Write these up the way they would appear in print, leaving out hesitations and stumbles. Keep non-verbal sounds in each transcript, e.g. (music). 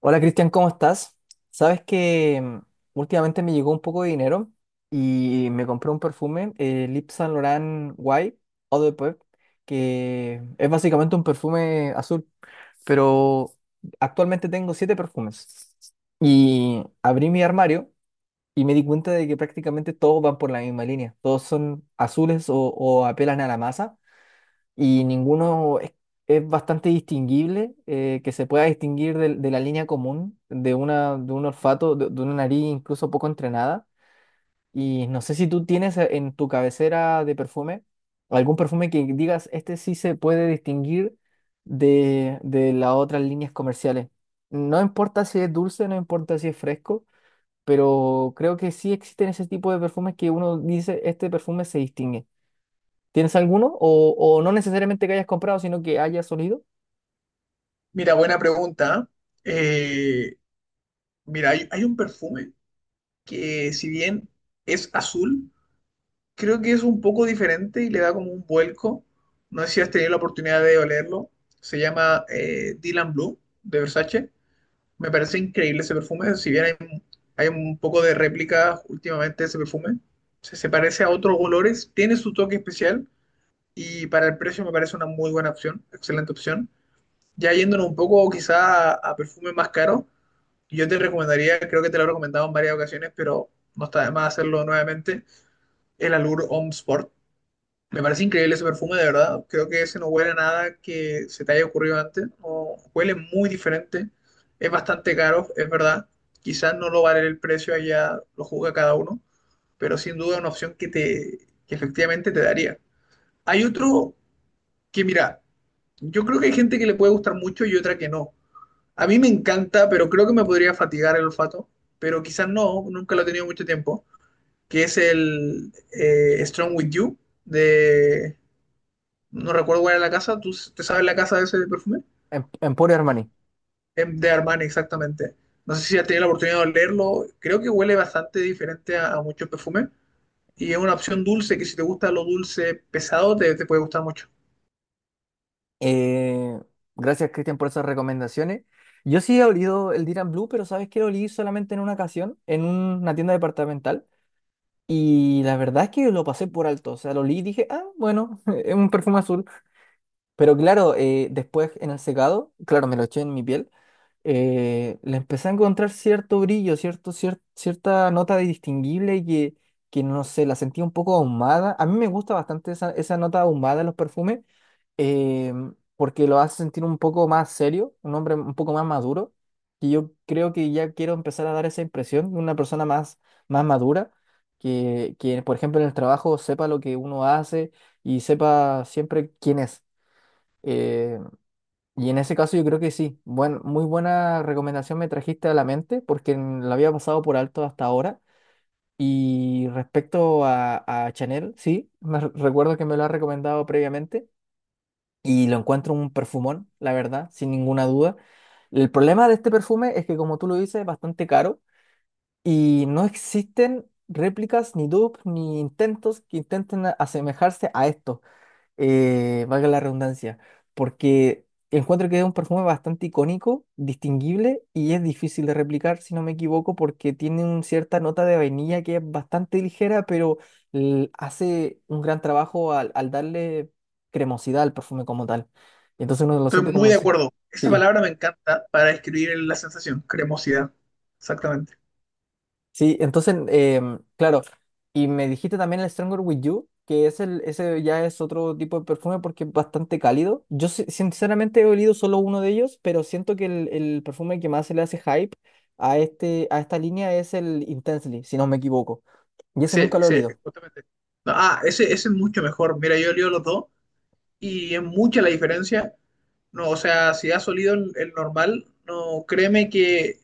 Hola Cristian, ¿cómo estás? Sabes que últimamente me llegó un poco de dinero y me compré un perfume, el Yves Saint Laurent White Eau de Peuple, que es básicamente un perfume azul, pero actualmente tengo siete perfumes. Y abrí mi armario y me di cuenta de que prácticamente todos van por la misma línea, todos son azules o apelan a la masa y ninguno es bastante distinguible, que se pueda distinguir de la línea común de un olfato, de una nariz incluso poco entrenada. Y no sé si tú tienes en tu cabecera de perfume algún perfume que digas, este sí se puede distinguir de las otras líneas comerciales. No importa si es dulce, no importa si es fresco, pero creo que sí existen ese tipo de perfumes que uno dice, este perfume se distingue. ¿Tienes alguno? O no necesariamente que hayas comprado, sino que hayas olido. Mira, buena pregunta. Eh, mira, hay un perfume que si bien es azul, creo que es un poco diferente y le da como un vuelco. No sé si has tenido la oportunidad de olerlo. Se llama Dylan Blue de Versace. Me parece increíble ese perfume. Si bien hay un poco de réplica últimamente de ese perfume, se parece a otros olores, tiene su toque especial y para el precio me parece una muy buena opción, excelente opción. Ya yéndonos un poco quizá a perfumes más caros. Yo te recomendaría, creo que te lo he recomendado en varias ocasiones, pero no está de más hacerlo nuevamente, el Allure Homme Sport. Me parece increíble ese perfume, de verdad. Creo que ese no huele a nada que se te haya ocurrido antes. No, huele muy diferente. Es bastante caro, es verdad. Quizás no lo vale el precio, allá lo juzga cada uno, pero sin duda una opción que efectivamente te daría. Hay otro que, mira, yo creo que hay gente que le puede gustar mucho y otra que no. A mí me encanta, pero creo que me podría fatigar el olfato, pero quizás no, nunca lo he tenido mucho tiempo, que es el Strong With You de... No recuerdo cuál era la casa, ¿tú te sabes la casa de ese perfume? Emporio Armani. De Armani, exactamente. No sé si has tenido la oportunidad de olerlo, creo que huele bastante diferente a muchos perfumes y es una opción dulce que si te gusta lo dulce pesado te puede gustar mucho. Eh, Gracias, Cristian, por esas recomendaciones. Yo sí he olido el Dylan Blue, pero sabes que lo olí solamente en una ocasión, en una tienda departamental. Y la verdad es que lo pasé por alto. O sea, lo olí y dije, ah, bueno, (laughs) es un perfume azul. Pero claro, después en el secado, claro, me lo eché en mi piel. Le empecé a encontrar cierto brillo, cierta nota de distinguible que no sé, la sentía un poco ahumada. A mí me gusta bastante esa nota ahumada en los perfumes, eh, porque lo hace sentir un poco más serio, un hombre un poco más maduro. Y yo creo que ya quiero empezar a dar esa impresión de una persona más madura, que, por ejemplo, en el trabajo sepa lo que uno hace y sepa siempre quién es. Eh, y en ese caso yo creo que sí. Muy buena recomendación me trajiste a la mente porque la había pasado por alto hasta ahora. Y respecto a Chanel, sí, recuerdo que me lo ha recomendado previamente y lo encuentro un perfumón, la verdad, sin ninguna duda. El problema de este perfume es que, como tú lo dices, es bastante caro y no existen réplicas, ni dupes, ni intentos que intenten asemejarse a esto, valga la redundancia, porque encuentro que es un perfume bastante icónico, distinguible y es difícil de replicar, si no me equivoco, porque tiene una cierta nota de vainilla que es bastante ligera, pero hace un gran trabajo al darle cremosidad al perfume como tal. Entonces uno lo Estoy siente muy como... de acuerdo. Esa Sí, palabra me encanta para describir la sensación, cremosidad. Exactamente. sí, entonces, claro, y me dijiste también el Stronger With You, que es el, ese ya es otro tipo de perfume porque es bastante cálido. Yo sinceramente he olido solo uno de ellos, pero siento que el perfume que más se le hace hype a esta línea es el Intensely, si no me equivoco. Y ese Sí, nunca lo he sí, olido. justamente. No, ah, ese es mucho mejor. Mira, yo leo los dos y es mucha la diferencia. No, o sea, si has olido el normal, no, créeme que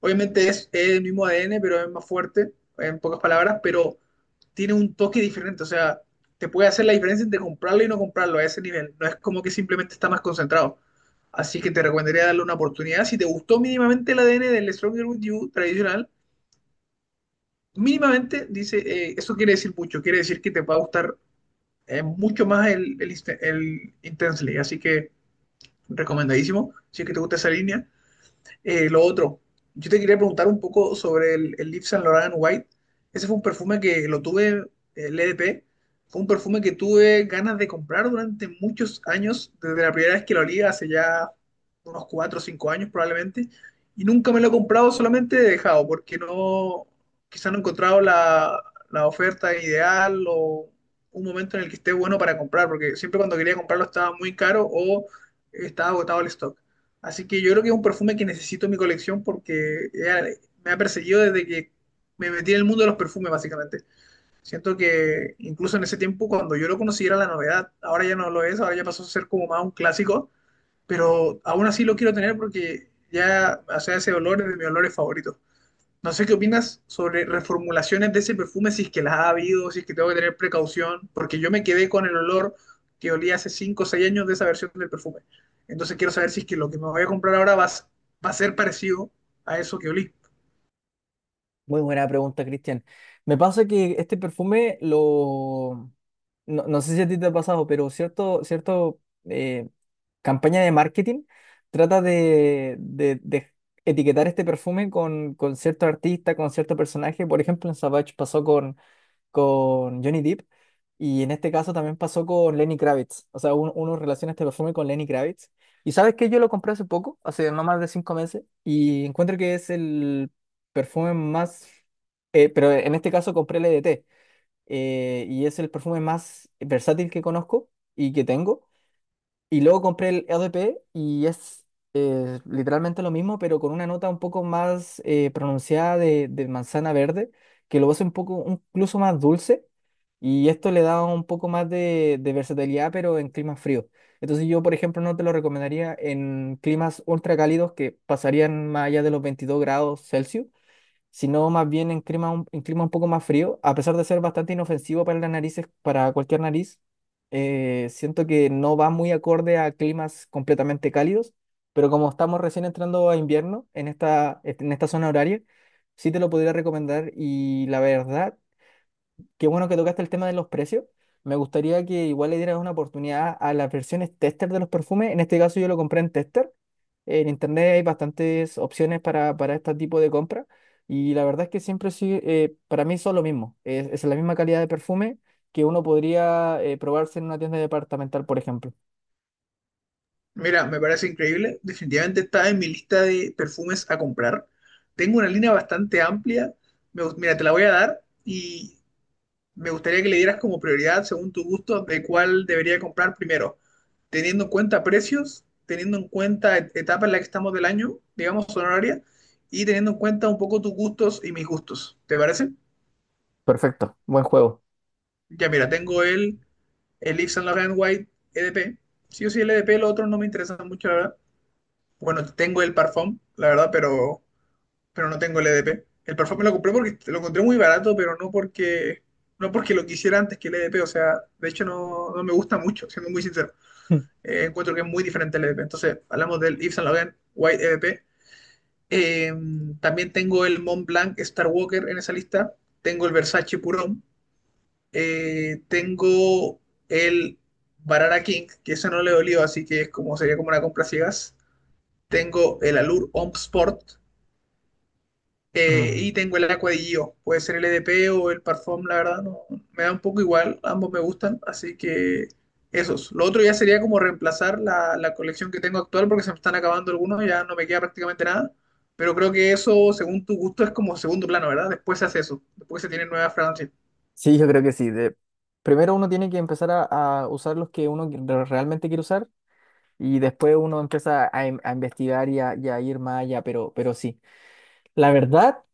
obviamente es el mismo ADN, pero es más fuerte, en pocas palabras, pero tiene un toque diferente. O sea, te puede hacer la diferencia entre comprarlo y no comprarlo a ese nivel. No es como que simplemente está más concentrado. Así que te recomendaría darle una oportunidad. Si te gustó mínimamente el ADN del Stronger With You tradicional, mínimamente dice, eso quiere decir mucho, quiere decir que te va a gustar mucho más el Intensely, así que recomendadísimo, si es que te gusta esa línea. Lo otro, yo te quería preguntar un poco sobre el Yves Saint Laurent White. Ese fue un perfume que lo tuve, el EDP, fue un perfume que tuve ganas de comprar durante muchos años, desde la primera vez que lo olí, hace ya unos 4 o 5 años probablemente, y nunca me lo he comprado, solamente he dejado, porque no, quizá no he encontrado la oferta ideal o un momento en el que esté bueno para comprar, porque siempre cuando quería comprarlo estaba muy caro o estaba agotado el stock. Así que yo creo que es un perfume que necesito en mi colección porque me ha perseguido desde que me metí en el mundo de los perfumes, básicamente. Siento que incluso en ese tiempo, cuando yo lo conocí, era la novedad. Ahora ya no lo es, ahora ya pasó a ser como más un clásico, pero aún así lo quiero tener porque ya, o sea, ese olor es de mis olores favoritos. No sé qué opinas sobre reformulaciones de ese perfume, si es que las ha habido, si es que tengo que tener precaución, porque yo me quedé con el olor que olía hace 5 o 6 años de esa versión del perfume. Entonces quiero saber si es que lo que me voy a comprar ahora va a ser parecido a eso que olí. Muy buena pregunta, Cristian. Me pasa que este perfume No sé si a ti te ha pasado, pero cierto eh, campaña de marketing trata de etiquetar este perfume con cierto artista, con cierto personaje. Por ejemplo, en Savage pasó con Johnny Depp. Y en este caso también pasó con Lenny Kravitz. O sea, uno relaciona este perfume con Lenny Kravitz. Y sabes que yo lo compré hace poco, hace no más de 5 meses, y encuentro que es el perfume más, pero en este caso compré el EDT, y es el perfume más versátil que conozco y que tengo. Y luego compré el EDP y es literalmente lo mismo, pero con una nota un poco más pronunciada de manzana verde, que lo hace un poco incluso más dulce y esto le da un poco más de versatilidad, pero en climas fríos. Entonces yo, por ejemplo, no te lo recomendaría en climas ultra cálidos que pasarían más allá de los 22 grados Celsius, sino más bien en en clima un poco más frío, a pesar de ser bastante inofensivo para las narices, para cualquier nariz. Siento que no va muy acorde a climas completamente cálidos, pero como estamos recién entrando a invierno en esta zona horaria, sí te lo podría recomendar y la verdad. Qué bueno que tocaste el tema de los precios. Me gustaría que igual le dieras una oportunidad a las versiones tester de los perfumes. En este caso yo lo compré en tester. En internet hay bastantes opciones para este tipo de compra. Y la verdad es que siempre sí, para mí son lo mismo. Es la misma calidad de perfume que uno podría probarse en una tienda departamental, por ejemplo. Mira, me parece increíble. Definitivamente está en mi lista de perfumes a comprar. Tengo una línea bastante amplia. Mira, te la voy a dar y me gustaría que le dieras como prioridad, según tu gusto, de cuál debería comprar primero. Teniendo en cuenta precios, teniendo en cuenta etapa en la que estamos del año, digamos, horaria, y teniendo en cuenta un poco tus gustos y mis gustos. ¿Te parece? Perfecto, buen juego. Ya mira, el Yves Saint Laurent White EDP. Sí o sí, el EDP, los otros no me interesan mucho, la verdad. Bueno, tengo el Parfum, la verdad, pero no tengo el EDP. El Parfum me lo compré porque lo encontré muy barato, pero no porque lo quisiera antes que el EDP. O sea, de hecho no, no me gusta mucho, siendo muy sincero. Mm. Encuentro que es muy diferente al EDP. Entonces, hablamos del Yves Saint Laurent White EDP. Eh, también tengo el Mont Blanc Star Walker en esa lista. Tengo el Versace Purón. Tengo el Barara King, que ese no le dolió, así que es como, sería como una compra ciegas. Tengo el Allure Homme Sport. Mm. Y tengo el Aqua de Gio. Puede ser el EDP o el Parfum, la verdad, no, me da un poco igual. Ambos me gustan, así que esos. Lo otro ya sería como reemplazar la colección que tengo actual porque se me están acabando algunos, ya no me queda prácticamente nada. Pero creo que eso, según tu gusto, es como segundo plano, ¿verdad? Después se hace eso, después se tienen nuevas fragancias. Sí, yo creo que sí. Primero uno tiene que empezar a usar los que uno realmente quiere usar. Y después uno empieza a investigar y a ir más allá, pero sí. La verdad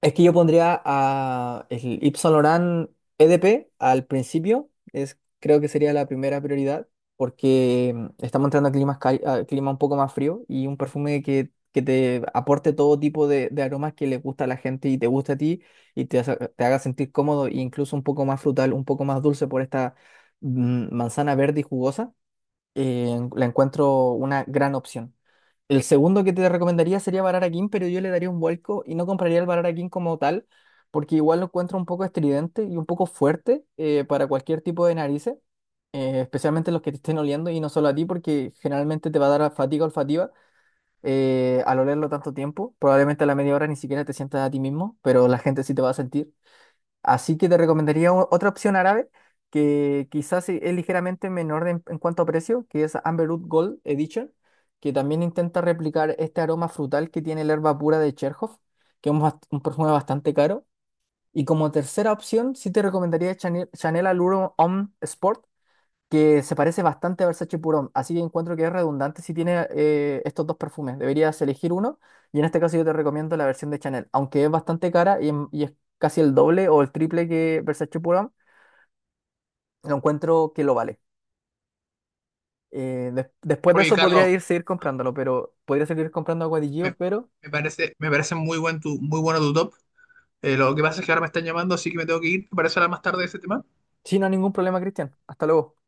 es que yo pondría a el Yves Saint Laurent EDP al principio, creo que sería la primera prioridad, porque estamos entrando a a clima un poco más frío y un perfume que te aporte todo tipo de aromas que le gusta a la gente y te gusta a ti y te haga sentir cómodo e incluso un poco más frutal, un poco más dulce por esta manzana verde y jugosa, la encuentro una gran opción. El segundo que te recomendaría sería Barara King, pero yo le daría un vuelco y no compraría el Barara King como tal, porque igual lo encuentro un poco estridente y un poco fuerte, para cualquier tipo de narices, especialmente los que te estén oliendo y no solo a ti, porque generalmente te va a dar fatiga olfativa, al olerlo tanto tiempo. Probablemente a la media hora ni siquiera te sientas a ti mismo, pero la gente sí te va a sentir. Así que te recomendaría otra opción árabe que quizás es ligeramente menor en cuanto a precio, que es Amberwood Gold Edition, que también intenta replicar este aroma frutal que tiene la herba pura de Cherhoff, que es un perfume bastante caro. Y como tercera opción, sí te recomendaría Chanel, Chanel Allure Homme Sport, que se parece bastante a Versace Purón, así que encuentro que es redundante si tiene, estos dos perfumes. Deberías elegir uno y en este caso yo te recomiendo la versión de Chanel, aunque es bastante cara y es casi el doble o el triple que Versace Purón, lo encuentro que lo vale. Después de Oye, eso podría Carlos, ir seguir comprándolo, pero podría seguir comprando a Guadillo, me, pero me parece, muy bueno tu top. Lo que pasa es que ahora me están llamando, así que me tengo que ir. ¿Te parece hablar más tarde de ese tema? sí, no hay ningún problema, Cristian. Hasta luego.